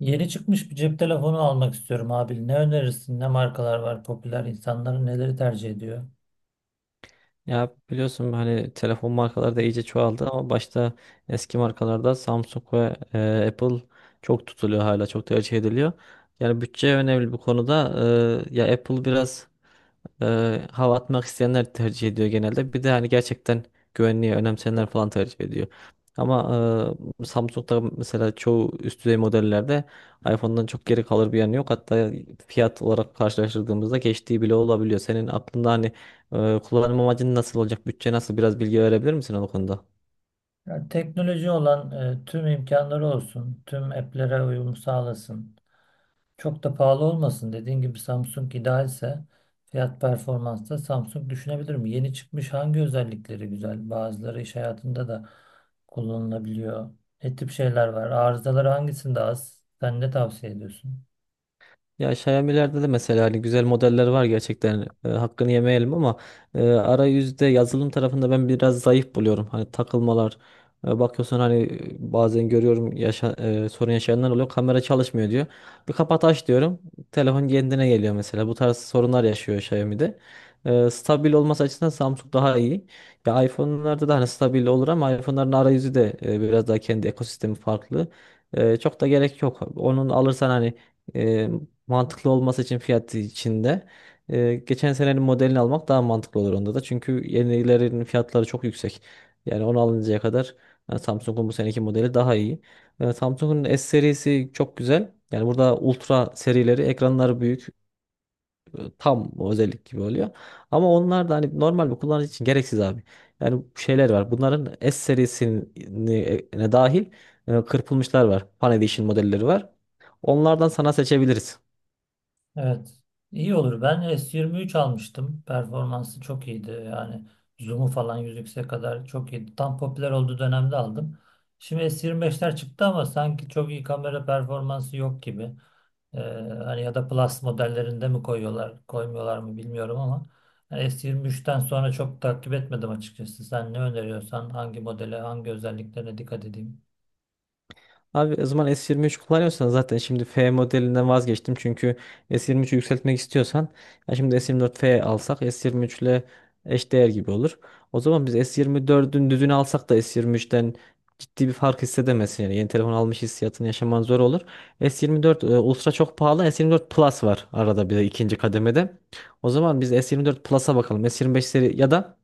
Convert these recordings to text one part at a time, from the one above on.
Yeni çıkmış bir cep telefonu almak istiyorum abi. Ne önerirsin? Ne markalar var popüler? İnsanların neleri tercih ediyor? Ya biliyorsun hani telefon markaları da iyice çoğaldı ama başta eski markalarda Samsung ve Apple çok tutuluyor hala çok tercih ediliyor. Yani bütçe önemli bu konuda. Ya Apple biraz hava atmak isteyenler tercih ediyor genelde. Bir de hani gerçekten güvenliği önemseyenler falan tercih ediyor. Ama Samsung'da mesela çoğu üst düzey modellerde iPhone'dan çok geri kalır bir yanı yok. Hatta fiyat olarak karşılaştırdığımızda geçtiği bile olabiliyor. Senin aklında hani kullanım amacın nasıl olacak, bütçe nasıl biraz bilgi verebilir misin o konuda? Yani teknoloji olan tüm imkanları olsun. Tüm app'lere uyum sağlasın. Çok da pahalı olmasın. Dediğin gibi Samsung idealse fiyat performansta Samsung düşünebilirim. Yeni çıkmış hangi özellikleri güzel? Bazıları iş hayatında da kullanılabiliyor. Ne tip şeyler var? Arızaları hangisinde az? Sen ne tavsiye ediyorsun? Ya Xiaomi'lerde de mesela hani güzel modeller var gerçekten hakkını yemeyelim ama arayüzde yazılım tarafında ben biraz zayıf buluyorum. Hani takılmalar bakıyorsun hani bazen görüyorum sorun yaşayanlar oluyor, kamera çalışmıyor diyor. Bir kapat aç diyorum telefon kendine geliyor, mesela bu tarz sorunlar yaşıyor Xiaomi'de. Stabil olması açısından Samsung daha iyi. Ya iPhone'larda da hani stabil olur ama iPhone'ların arayüzü de biraz daha kendi ekosistemi farklı. Çok da gerek yok. Onun alırsan hani e, mantıklı olması için fiyat içinde geçen senenin modelini almak daha mantıklı olur onda da. Çünkü yenilerin fiyatları çok yüksek. Yani onu alıncaya kadar Samsung'un bu seneki modeli daha iyi. Samsung'un S serisi çok güzel. Yani burada ultra serileri ekranları büyük, tam o özellik gibi oluyor. Ama onlar da hani normal bir kullanıcı için gereksiz abi. Yani şeyler var. Bunların S serisine dahil kırpılmışlar var. Fan Edition modelleri var. Onlardan sana seçebiliriz. Evet. İyi olur. Ben S23 almıştım. Performansı çok iyiydi. Yani zoom'u falan 100x'e kadar çok iyiydi. Tam popüler olduğu dönemde aldım. Şimdi S25'ler çıktı ama sanki çok iyi kamera performansı yok gibi. Ee, hani ya da Plus modellerinde mi koyuyorlar, koymuyorlar mı bilmiyorum ama yani S23'ten sonra çok takip etmedim açıkçası. Sen ne öneriyorsan hangi modele, hangi özelliklerine dikkat edeyim? Abi o zaman S23 kullanıyorsan zaten şimdi F modelinden vazgeçtim. Çünkü S23'ü yükseltmek istiyorsan, ya şimdi S24 F alsak S23 ile eşdeğer gibi olur. O zaman biz S24'ün düzünü alsak da S23'ten ciddi bir fark hissedemezsin. Yani yeni telefon almış hissiyatını yaşaman zor olur. S24 Ultra çok pahalı. S24 Plus var arada, bir de ikinci kademede. O zaman biz S24 Plus'a bakalım. S25 seri ya da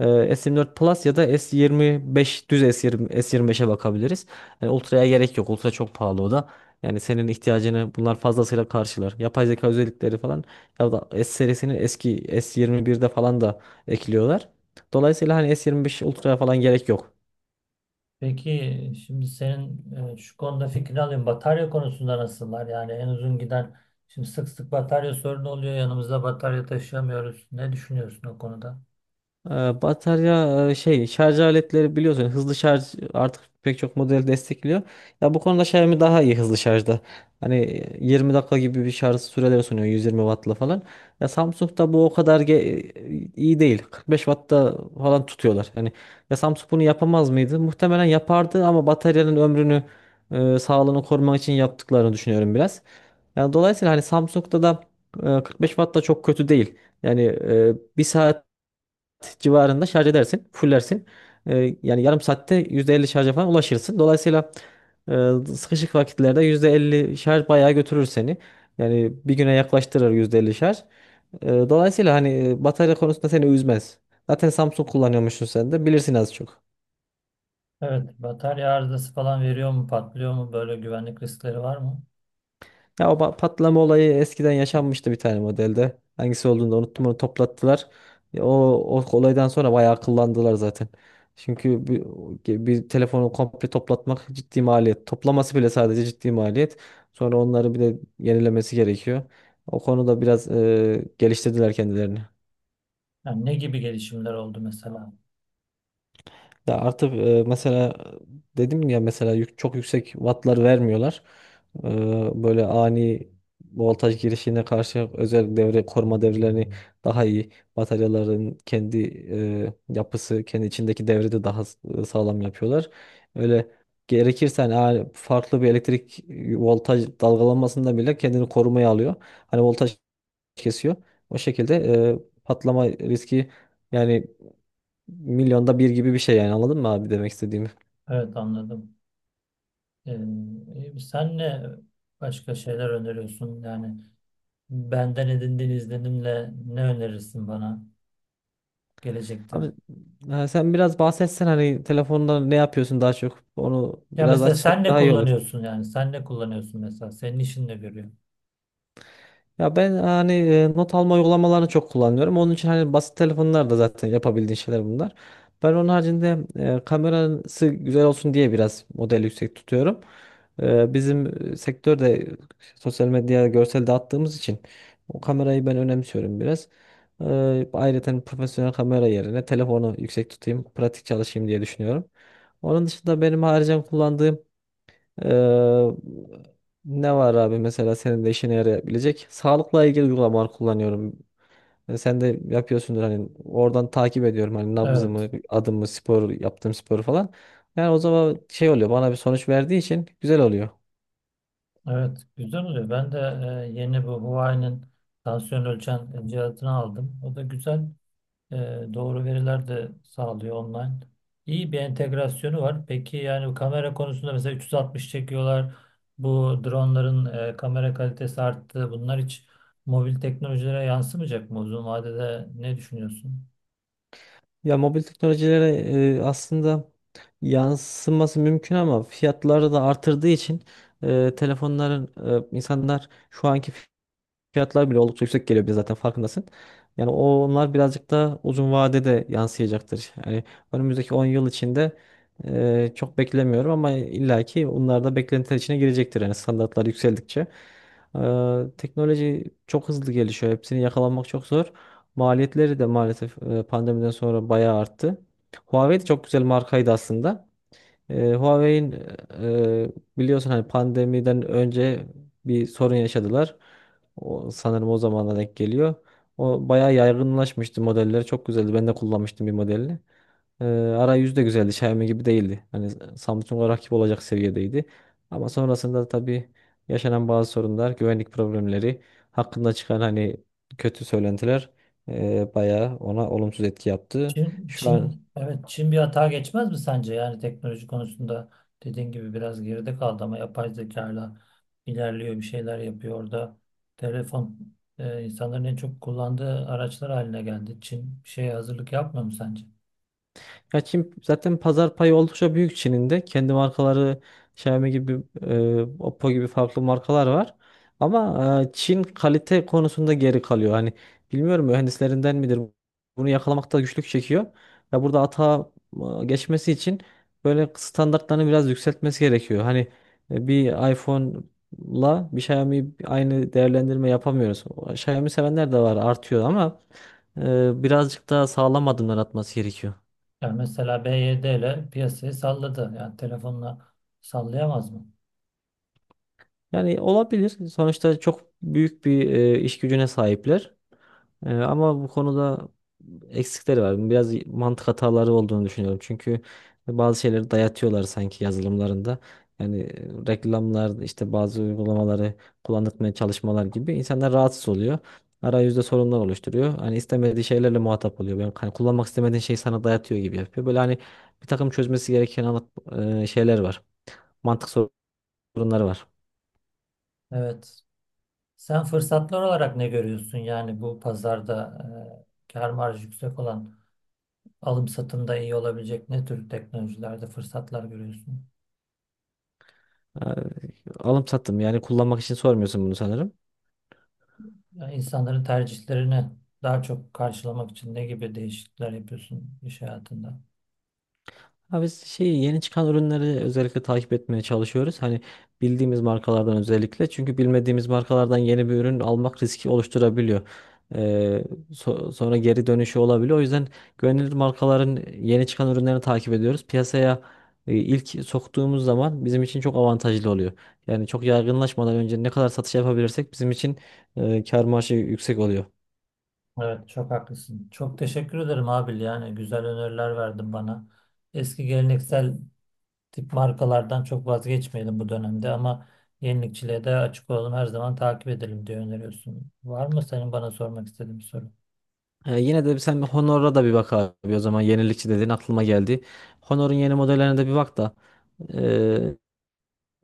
e, S24 Plus ya da S25 düz S20, S25'e bakabiliriz. Yani Ultra'ya gerek yok. Ultra çok pahalı o da. Yani senin ihtiyacını bunlar fazlasıyla karşılar. Yapay zeka özellikleri falan ya da S serisinin eski S21'de falan da ekliyorlar. Dolayısıyla hani S25 Ultra'ya falan gerek yok. Peki şimdi senin şu konuda fikrini alayım. Batarya konusunda nasıllar? Yani en uzun giden şimdi sık sık batarya sorunu oluyor. Yanımızda batarya taşıyamıyoruz. Ne düşünüyorsun o konuda? Batarya, şey şarj aletleri, biliyorsun hızlı şarj artık pek çok model destekliyor. Ya bu konuda Xiaomi daha iyi hızlı şarjda. Hani 20 dakika gibi bir şarj süreleri sunuyor, 120 wattla falan. Ya Samsung'da bu o kadar iyi değil. 45 wattta falan tutuyorlar. Yani ya Samsung bunu yapamaz mıydı? Muhtemelen yapardı ama bataryanın ömrünü, sağlığını korumak için yaptıklarını düşünüyorum biraz. Yani dolayısıyla hani Samsung'da da 45 watt da çok kötü değil. Yani bir saat civarında şarj edersin, fullersin. Yani yarım saatte %50 şarja falan ulaşırsın. Dolayısıyla e, sıkışık vakitlerde %50 şarj bayağı götürür seni. Yani bir güne yaklaştırır %50 şarj. Dolayısıyla hani batarya konusunda seni üzmez. Zaten Samsung kullanıyormuşsun, sen de bilirsin az çok. Evet, batarya arızası falan veriyor mu, patlıyor mu? Böyle güvenlik riskleri var mı? Ya o patlama olayı eskiden yaşanmıştı bir tane modelde. Hangisi olduğunu da unuttum, onu toplattılar. Ya o olaydan sonra bayağı akıllandılar zaten. Çünkü bir telefonu komple toplatmak ciddi maliyet. Toplaması bile sadece ciddi maliyet. Sonra onları bir de yenilemesi gerekiyor. O konuda biraz geliştirdiler kendilerini. Yani ne gibi gelişimler oldu mesela? Ya artık mesela, dedim ya mesela çok yüksek wattlar vermiyorlar. E, Böyle ani voltaj girişine karşı özel devre, koruma devrelerini daha iyi, bataryaların kendi yapısı, kendi içindeki devri de daha sağlam yapıyorlar. Öyle gerekirse hani farklı bir elektrik voltaj dalgalanmasında bile kendini korumaya alıyor. Hani voltaj kesiyor. O şekilde patlama riski yani milyonda bir gibi bir şey. Yani anladın mı abi demek istediğimi? Evet, anladım. Ee, sen ne başka şeyler öneriyorsun? Yani benden edindiğin izlenimle ne önerirsin bana gelecekte? Abi ha, sen biraz bahsetsen hani telefonda ne yapıyorsun, daha çok onu Ya biraz mesela açsak sen ne daha iyi olur. kullanıyorsun yani? Sen ne kullanıyorsun mesela? Senin işin ne görüyor? Ya ben hani not alma uygulamalarını çok kullanıyorum. Onun için hani basit telefonlarda zaten yapabildiğin şeyler bunlar. Ben onun haricinde kamerası güzel olsun diye biraz model yüksek tutuyorum. Bizim sektörde sosyal medyaya görsel dağıttığımız için o kamerayı ben önemsiyorum biraz. E, Ayrıca hani profesyonel kamera yerine telefonu yüksek tutayım, pratik çalışayım diye düşünüyorum. Onun dışında benim haricen kullandığım ee, ne var abi, mesela senin de işine yarayabilecek? Sağlıkla ilgili uygulamalar kullanıyorum. Sen de yapıyorsundur hani, oradan takip ediyorum hani Evet. nabzımı, adımı, spor yaptığım sporu falan. Yani o zaman şey oluyor, bana bir sonuç verdiği için güzel oluyor. Evet. Güzel oluyor. Ben de yeni bu Huawei'nin tansiyon ölçen cihazını aldım. O da güzel. E, doğru veriler de sağlıyor online. İyi bir entegrasyonu var. Peki yani bu kamera konusunda mesela 360 çekiyorlar. Bu dronların kamera kalitesi arttı. Bunlar hiç mobil teknolojilere yansımayacak mı uzun vadede? Ne düşünüyorsun? Ya mobil teknolojilere aslında yansıması mümkün ama fiyatları da artırdığı için telefonların, insanlar şu anki fiyatlar bile oldukça yüksek geliyor bize, zaten farkındasın. Yani onlar birazcık da uzun vadede de yansıyacaktır. Yani önümüzdeki 10 yıl içinde çok beklemiyorum ama illaki onlar da beklentiler içine girecektir. Yani standartlar yükseldikçe. Teknoloji çok hızlı gelişiyor. Hepsini yakalamak çok zor. Maliyetleri de maalesef pandemiden sonra bayağı arttı. Huawei de çok güzel markaydı aslında. Huawei'in, e, biliyorsun hani pandemiden önce bir sorun yaşadılar. O, sanırım o zamana denk geliyor. O bayağı yaygınlaşmıştı, modelleri çok güzeldi. Ben de kullanmıştım bir modelini. Arayüzü de güzeldi. Xiaomi gibi değildi. Hani Samsung'a rakip olacak seviyedeydi. Ama sonrasında tabii yaşanan bazı sorunlar, güvenlik problemleri, hakkında çıkan hani kötü söylentiler bayağı ona olumsuz etki yaptı. Çin, Şu an. Çin, evet, Çin bir hata geçmez mi sence? Yani teknoloji konusunda dediğin gibi biraz geride kaldı ama yapay zekayla ilerliyor, bir şeyler yapıyor orada. Telefon insanların en çok kullandığı araçlar haline geldi. Çin bir şeye hazırlık yapmıyor mu sence? Ya Çin zaten pazar payı oldukça büyük Çin'in de. Kendi markaları Xiaomi gibi, Oppo gibi farklı markalar var. Ama Çin kalite konusunda geri kalıyor. Hani bilmiyorum mühendislerinden midir, bunu yakalamakta güçlük çekiyor. Ya burada ata geçmesi için böyle standartlarını biraz yükseltmesi gerekiyor. Hani bir iPhone'la bir Xiaomi aynı değerlendirme yapamıyoruz. O Xiaomi sevenler de var, artıyor ama birazcık daha sağlam adımlar atması gerekiyor. Yani mesela B Y D ile piyasayı salladı. Yani telefonla sallayamaz mı? Yani olabilir. Sonuçta çok büyük bir iş gücüne sahipler. Ama bu konuda eksikleri var. Biraz mantık hataları olduğunu düşünüyorum. Çünkü bazı şeyleri dayatıyorlar sanki yazılımlarında. Yani reklamlar, işte bazı uygulamaları kullandırmaya çalışmalar gibi, insanlar rahatsız oluyor. Arayüzde sorunlar oluşturuyor. Hani istemediği şeylerle muhatap oluyor. Yani hani kullanmak istemediğin şeyi sana dayatıyor gibi yapıyor. Böyle hani bir takım çözmesi gereken şeyler var. Mantık sorunları var. Evet. Sen fırsatlar olarak ne görüyorsun? Yani bu pazarda kar marjı yüksek olan alım satımda iyi olabilecek ne tür teknolojilerde fırsatlar görüyorsun? Ha, alım sattım, yani kullanmak için sormuyorsun bunu sanırım. Yani insanların tercihlerini daha çok karşılamak için ne gibi değişiklikler yapıyorsun iş hayatında? Ha biz şey, yeni çıkan ürünleri özellikle takip etmeye çalışıyoruz. Hani bildiğimiz markalardan özellikle, çünkü bilmediğimiz markalardan yeni bir ürün almak riski oluşturabiliyor. Ee, Sonra geri dönüşü olabiliyor. O yüzden güvenilir markaların yeni çıkan ürünlerini takip ediyoruz. Piyasaya ilk soktuğumuz zaman bizim için çok avantajlı oluyor. Yani çok yaygınlaşmadan önce ne kadar satış yapabilirsek bizim için kar marjı yüksek oluyor. Evet, çok haklısın. Çok teşekkür ederim Abil. Yani güzel öneriler verdin bana. Eski geleneksel tip markalardan çok vazgeçmeyelim bu dönemde ama yenilikçiliğe de açık olalım. Her zaman takip edelim diye öneriyorsun. Var mı senin bana sormak istediğin bir soru? Yine de sen bir Honor'a da bir bak abi, o zaman yenilikçi dediğin aklıma geldi. Honor'un yeni modellerine de bir bak da ee,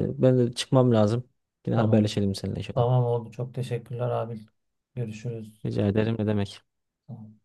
ben de çıkmam lazım. Yine Tamam. haberleşelim seninle inşallah. Tamam, oldu. Çok teşekkürler Abil. Görüşürüz. Rica ederim, ne demek. Tamam.